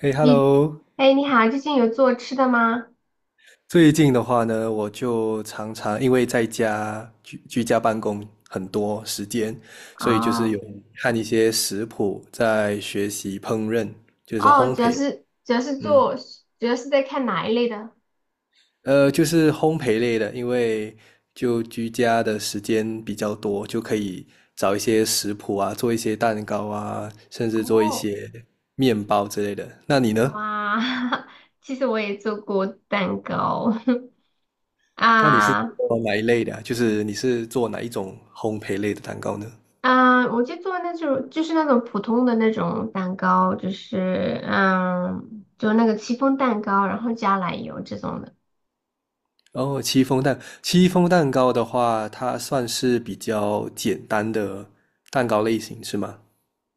嘿你，，Hello！哎，你好，最近有做吃的吗？最近的话呢，我就常常因为在居家办公很多时间，所以就是有哦，看一些食谱，在学习烹饪，就是哦，烘主要焙。是主要是嗯，做，主要是在看哪一类的？就是烘焙类的，因为就居家的时间比较多，就可以找一些食谱啊，做一些蛋糕啊，甚至做一哦，些面包之类的。那你呢？哇，其实我也做过蛋糕， 那你是啊，做哪一类的啊，就是你是做哪一种烘焙类的蛋糕呢？啊，我就做那种就是那种普通的那种蛋糕，就是就那个戚风蛋糕，然后加奶油这种的。哦，戚风蛋糕的话，它算是比较简单的蛋糕类型，是吗？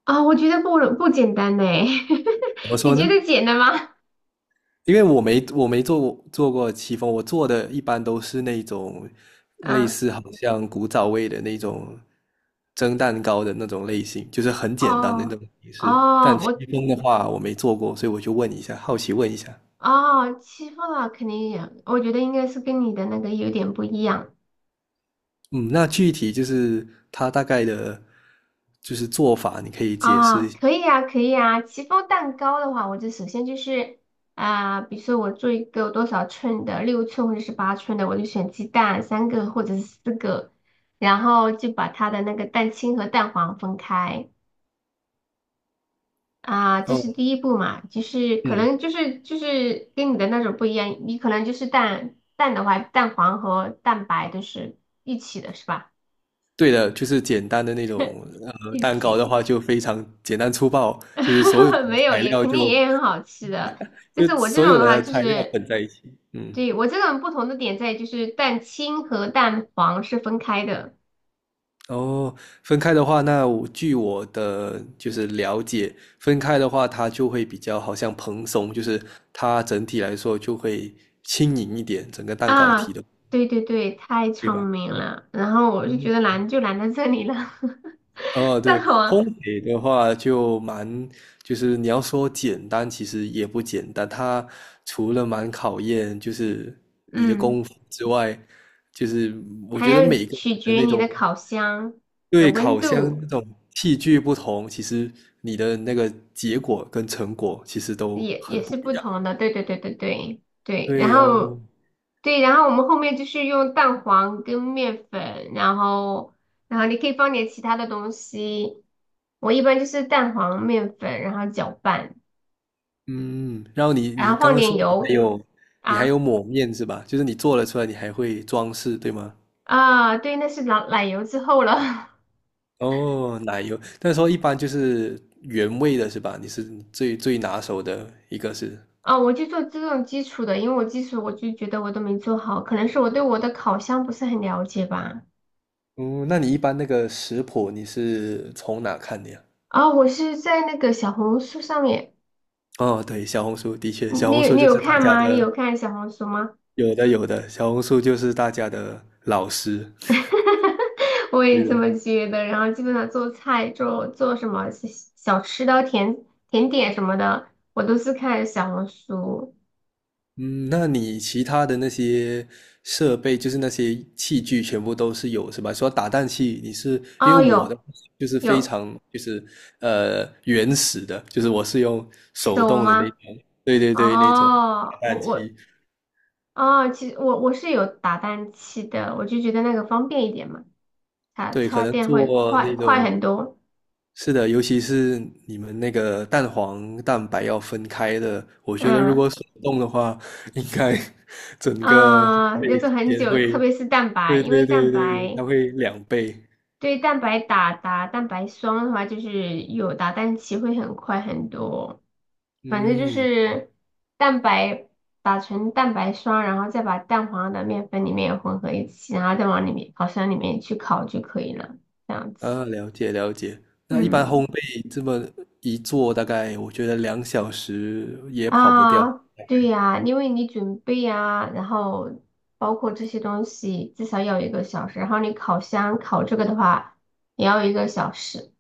啊，我觉得不简单呢，怎么你说觉呢？得简单吗？因为我没做过戚风，我做的一般都是那种 类啊，似好像古早味的那种蒸蛋糕的那种类型，就是很简单的那哦。种形式。哦，但戚我风的话，我没做过，所以我就问一下，好奇问一下。哦，欺负啊，肯定也，我觉得应该是跟你的那个有点不一样。嗯，那具体就是它大概的，就是做法，你可以解啊、释哦，一可以啊，可以啊。戚风蛋糕的话，我就首先就是啊、比如说我做一个多少寸的，6寸或者是8寸的，我就选鸡蛋三个或者是四个，然后就把它的那个蛋清和蛋黄分开。啊、下这哦。是第一步嘛。就是可嗯，能就是跟你的那种不一样，你可能就是蛋的话，蛋黄和蛋白都是一起的，是吧？对的，就是简单的那种 一蛋糕的起，话，就非常简单粗暴，就是所有的 没有材也料肯就定也很好吃的，但就是我这所种有的话的就材料是，混在一起。嗯，对，我这种不同的点在于就是蛋清和蛋黄是分开的。哦，分开的话，那我据我的就是了解，分开的话它就会比较好像蓬松，就是它整体来说就会轻盈一点，整个蛋糕啊，体的，对对对，太对聪吧？明了，然后我就觉嗯。得难就难在这里了，哦，对，蛋黄，烘焙的话就蛮，就是你要说简单，其实也不简单。它除了蛮考验就是你的嗯，功夫之外，就是我还觉得要每个取人的决那你的种烤箱的对温烤箱度。那种器具不同，其实你的那个结果跟成果其实都也很也不是一不样。同的，对对对对对对，然对后哦，对，然后我们后面就是用蛋黄跟面粉，然后你可以放点其他的东西，我一般就是蛋黄、面粉，然后搅拌，嗯，然后你然你后刚放刚点说你还油。有你还有啊，抹面是吧？就是你做了出来，你还会装饰，对吗？啊，对，那是奶油之后了。 哦，奶油，那时候一般就是原味的是吧？你是最拿手的一个是，啊，我就做这种基础的，因为我基础我就觉得我都没做好，可能是我对我的烤箱不是很了解吧。嗯，那你一般那个食谱你是从哪看的呀？啊，我是在那个小红书上面。哦，对，小红书的确，你小红你书你就有是大看家吗？你的，有看小红书吗？有的有的，小红书就是大家的老师，我也对这的。么觉得。然后基本上做菜、做什么小吃的、甜点什么的，我都是看小红书。嗯，那你其他的那些设备，就是那些器具，全部都是有是吧？说打蛋器，你是因为哦，我的有，就是非有，常就是原始的，就是我是用手手动的那吗？种，对对对，那种哦，打我蛋我器，哦，其实我是有打蛋器的，我就觉得那个方便一点嘛，插对，可插能电会做快那快种很多。是的，尤其是你们那个蛋黄蛋白要分开的，我觉得如嗯，果手动的话，应该 整个烘啊，要焙做时很间久，特会别是蛋白，对因对为对蛋对，它白。会2倍。对蛋白打蛋白霜的话，就是有打蛋器会很快很多。反正就嗯，是蛋白打成蛋白霜，然后再把蛋黄的面粉里面混合一起，然后再往里面烤箱里面去烤就可以了。这样子，啊，了解了解。那一般烘嗯，焙这么一做，大概我觉得2小时也跑不掉。啊，对呀，因为你准备呀，然后包括这些东西至少要一个小时，然后你烤箱烤这个的话也要一个小时。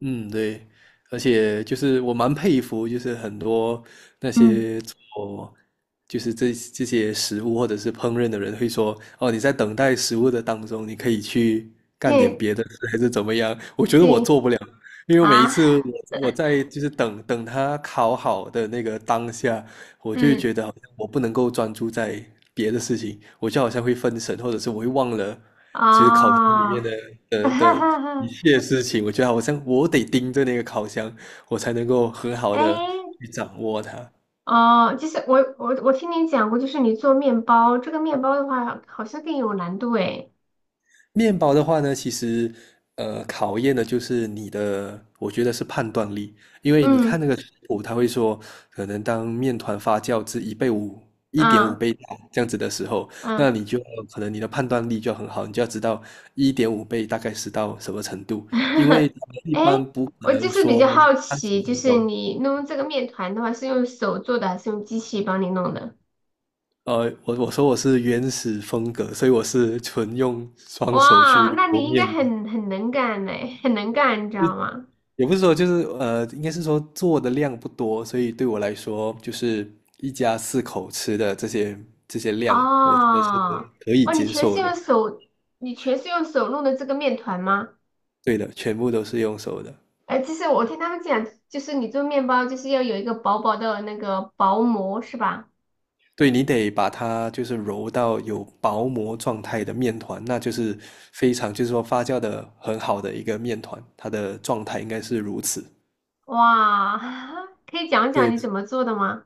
嗯，对，而且就是我蛮佩服，就是很多那嗯，些做就是这些食物或者是烹饪的人会说，哦，你在等待食物的当中，你可以去干点这别的事，还是怎么样？我觉得这因为我每一啊。次我在就是等他烤好的那个当下，我就会觉嗯，得好像我不能够专注在别的事情，我就好像会分神，或者是我会忘了，其实烤箱里面啊，的一 切事情，我觉得好像我得盯着那个烤箱，我才能够很好哎，的去掌握它。哦，就是我听你讲过，就是你做面包，这个面包的话好像更有难度哎。面包的话呢，其实考验的就是你的，我觉得是判断力，因为你看嗯，那个食谱，他会说，可能当面团发酵至一点五啊，倍大这样子的时候，那嗯，你就可能你的判断力就要很好，你就要知道一点五倍大概是到什么程度，因为 他们一哎，般不可我就能是比较说好三十奇，分就是钟。你弄这个面团的话，是用手做的还是用机器帮你弄的？我说我是原始风格，所以我是纯用双手去哇，那揉你应该面的，很能干嘞，很能干，你知道吗？也不是说就是应该是说做的量不多，所以对我来说，就是一家四口吃的这些量，我觉得是哦，可以哇，你接全是受的。用手，你全是用手弄的这个面团吗？对的，全部都是用手的。哎，其实我听他们讲，就是你做面包就是要有一个薄薄的那个薄膜，是吧？对，你得把它就是揉到有薄膜状态的面团，那就是非常就是说发酵的很好的一个面团，它的状态应该是如此。哇，可以讲讲对，你怎么做的吗？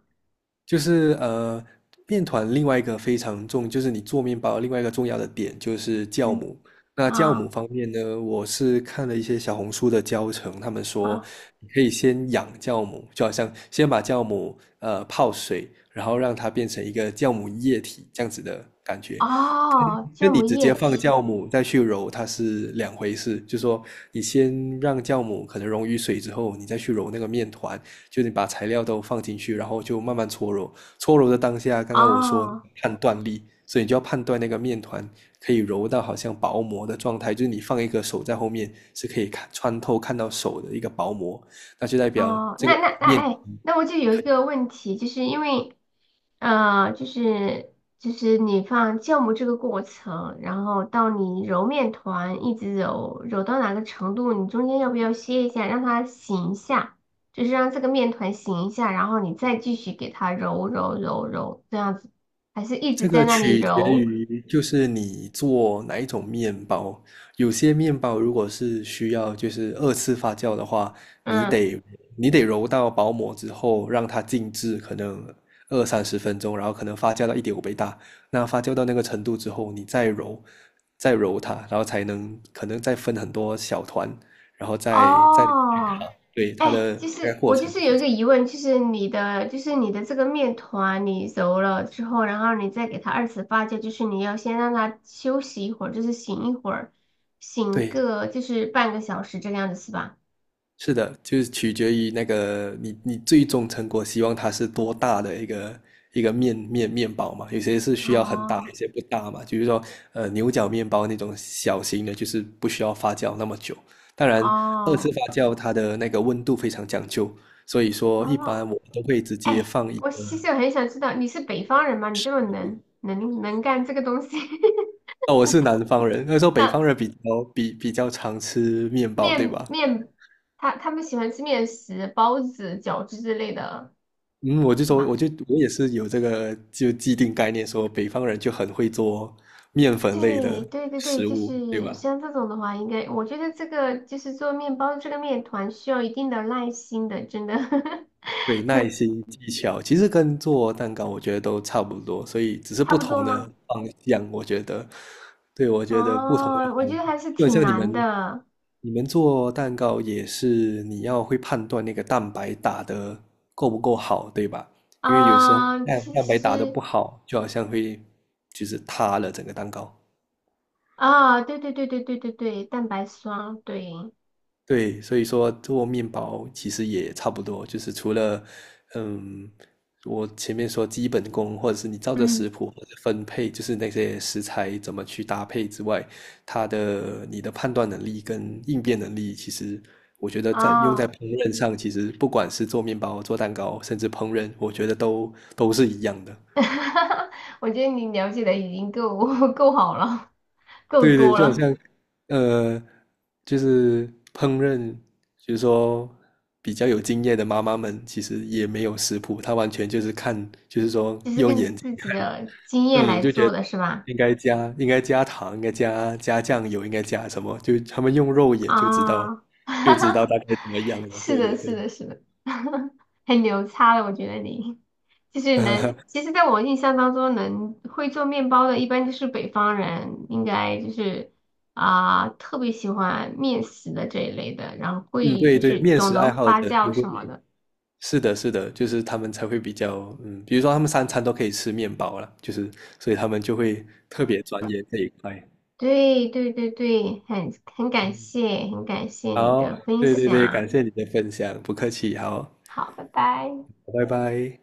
就是面团另外一个非常重，就是你做面包另外一个重要的点就是酵嗯，母。那酵母啊，方面呢，我是看了一些小红书的教程，他们说啊，你可以先养酵母，就好像先把酵母泡水，然后让它变成一个酵母液体这样子的感觉。哦，那酵母你直液接放体。酵母再去揉，它是两回事。就说你先让酵母可能溶于水之后，你再去揉那个面团，就是你把材料都放进去，然后就慢慢搓揉。搓揉的当下，刚刚我说哦，判断力，所以你就要判断那个面团可以揉到好像薄膜的状态，就是你放一个手在后面是可以看穿透看到手的一个薄膜，那就代表哦，这那个那那面。哎，那我就有一个问题，就是因为呃，就是就是你放酵母这个过程，然后到你揉面团，一直揉到哪个程度，你中间要不要歇一下，让它醒一下，就是让这个面团醒一下，然后你再继续给它揉揉揉揉，这样子，还是一直这在个那里取决揉？于就是你做哪一种面包，有些面包如果是需要就是二次发酵的话，你嗯，得你得揉到薄膜之后让它静置，可能二三十分钟，然后可能发酵到一点五倍大，那发酵到那个程度之后，你再揉，再揉它，然后才能可能再分很多小团，然后再哦，对它哎，的大就概是过我就程就是是有一这个样，疑问，就是你的这个面团你揉了之后，然后你再给它二次发酵，就是你要先让它休息一会儿，就是醒一会儿，醒对。个就是半个小时这个样子是吧？是的，就是取决于那个你最终成果希望它是多大的一个面包嘛，有些是需要很大，哦，有些不大嘛。就是说，牛角面包那种小型的，就是不需要发酵那么久。当然，二次哦，发酵它的那个温度非常讲究，所以说一般哦，我都会直接哎，放一。我其实很想知道你是北方人吗？你这么能干这个东西，哦，我是南方人，那时候北那方人比较常吃面包，对面吧？面他们喜欢吃面食、包子、饺子之类的嗯，我就说，我吗？就我也是有这个就既定概念，说北方人就很会做面粉类对的对对对，食就物，对是吧？像这种的话，应该我觉得这个就是做面包这个面团需要一定的耐心的，真的。 对，耐心、技巧，其实跟做蛋糕我觉得都差不多，所以只是差不不多同的吗？方向，我觉得，对，我觉得不同的哦，我方觉向，得还是就很挺像你难们，的。你们做蛋糕也是你要会判断那个蛋白打的够不够好，对吧？因为有时候啊，蛋其蛋白打的实不好，就好像会就是塌了整个蛋糕。啊，对对对对对对对，蛋白霜，对，对，所以说做面包其实也差不多，就是除了，嗯，我前面说基本功，或者是你照着嗯，食谱或者分配，就是那些食材怎么去搭配之外，你的判断能力跟应变能力，其实我觉得在用在啊，烹饪上，其实不管是做面包、做蛋糕，甚至烹饪，我觉得都是一样的。我觉得你了解的已经够 够好了，够对对，多就好了，像呃，就是烹饪，就是说比较有经验的妈妈们，其实也没有食谱，她完全就是看，就是说就是用根据眼睛，自己的经验嗯，来就觉做得的是吧？应该加糖，应该加酱油，应该加什么，就他们用肉眼就知道，啊，就知 道大概怎么样了。是对的，对是对，的，是的，很牛叉的，我觉得你就是能，其实在我印象当中能会做面包的，一般就是北方人，应该就是啊、特别喜欢面食的这一类的，然后嗯，会对就对，是面懂食得爱好发者酵就会。什么的。是的，是的，就是他们才会比较，嗯，比如说他们三餐都可以吃面包了，就是所以他们就会特别钻研这一块。对对对对，很感谢，很感谢你好，的分对对对，感享。谢你的分享，不客气，好，好，拜拜。拜拜。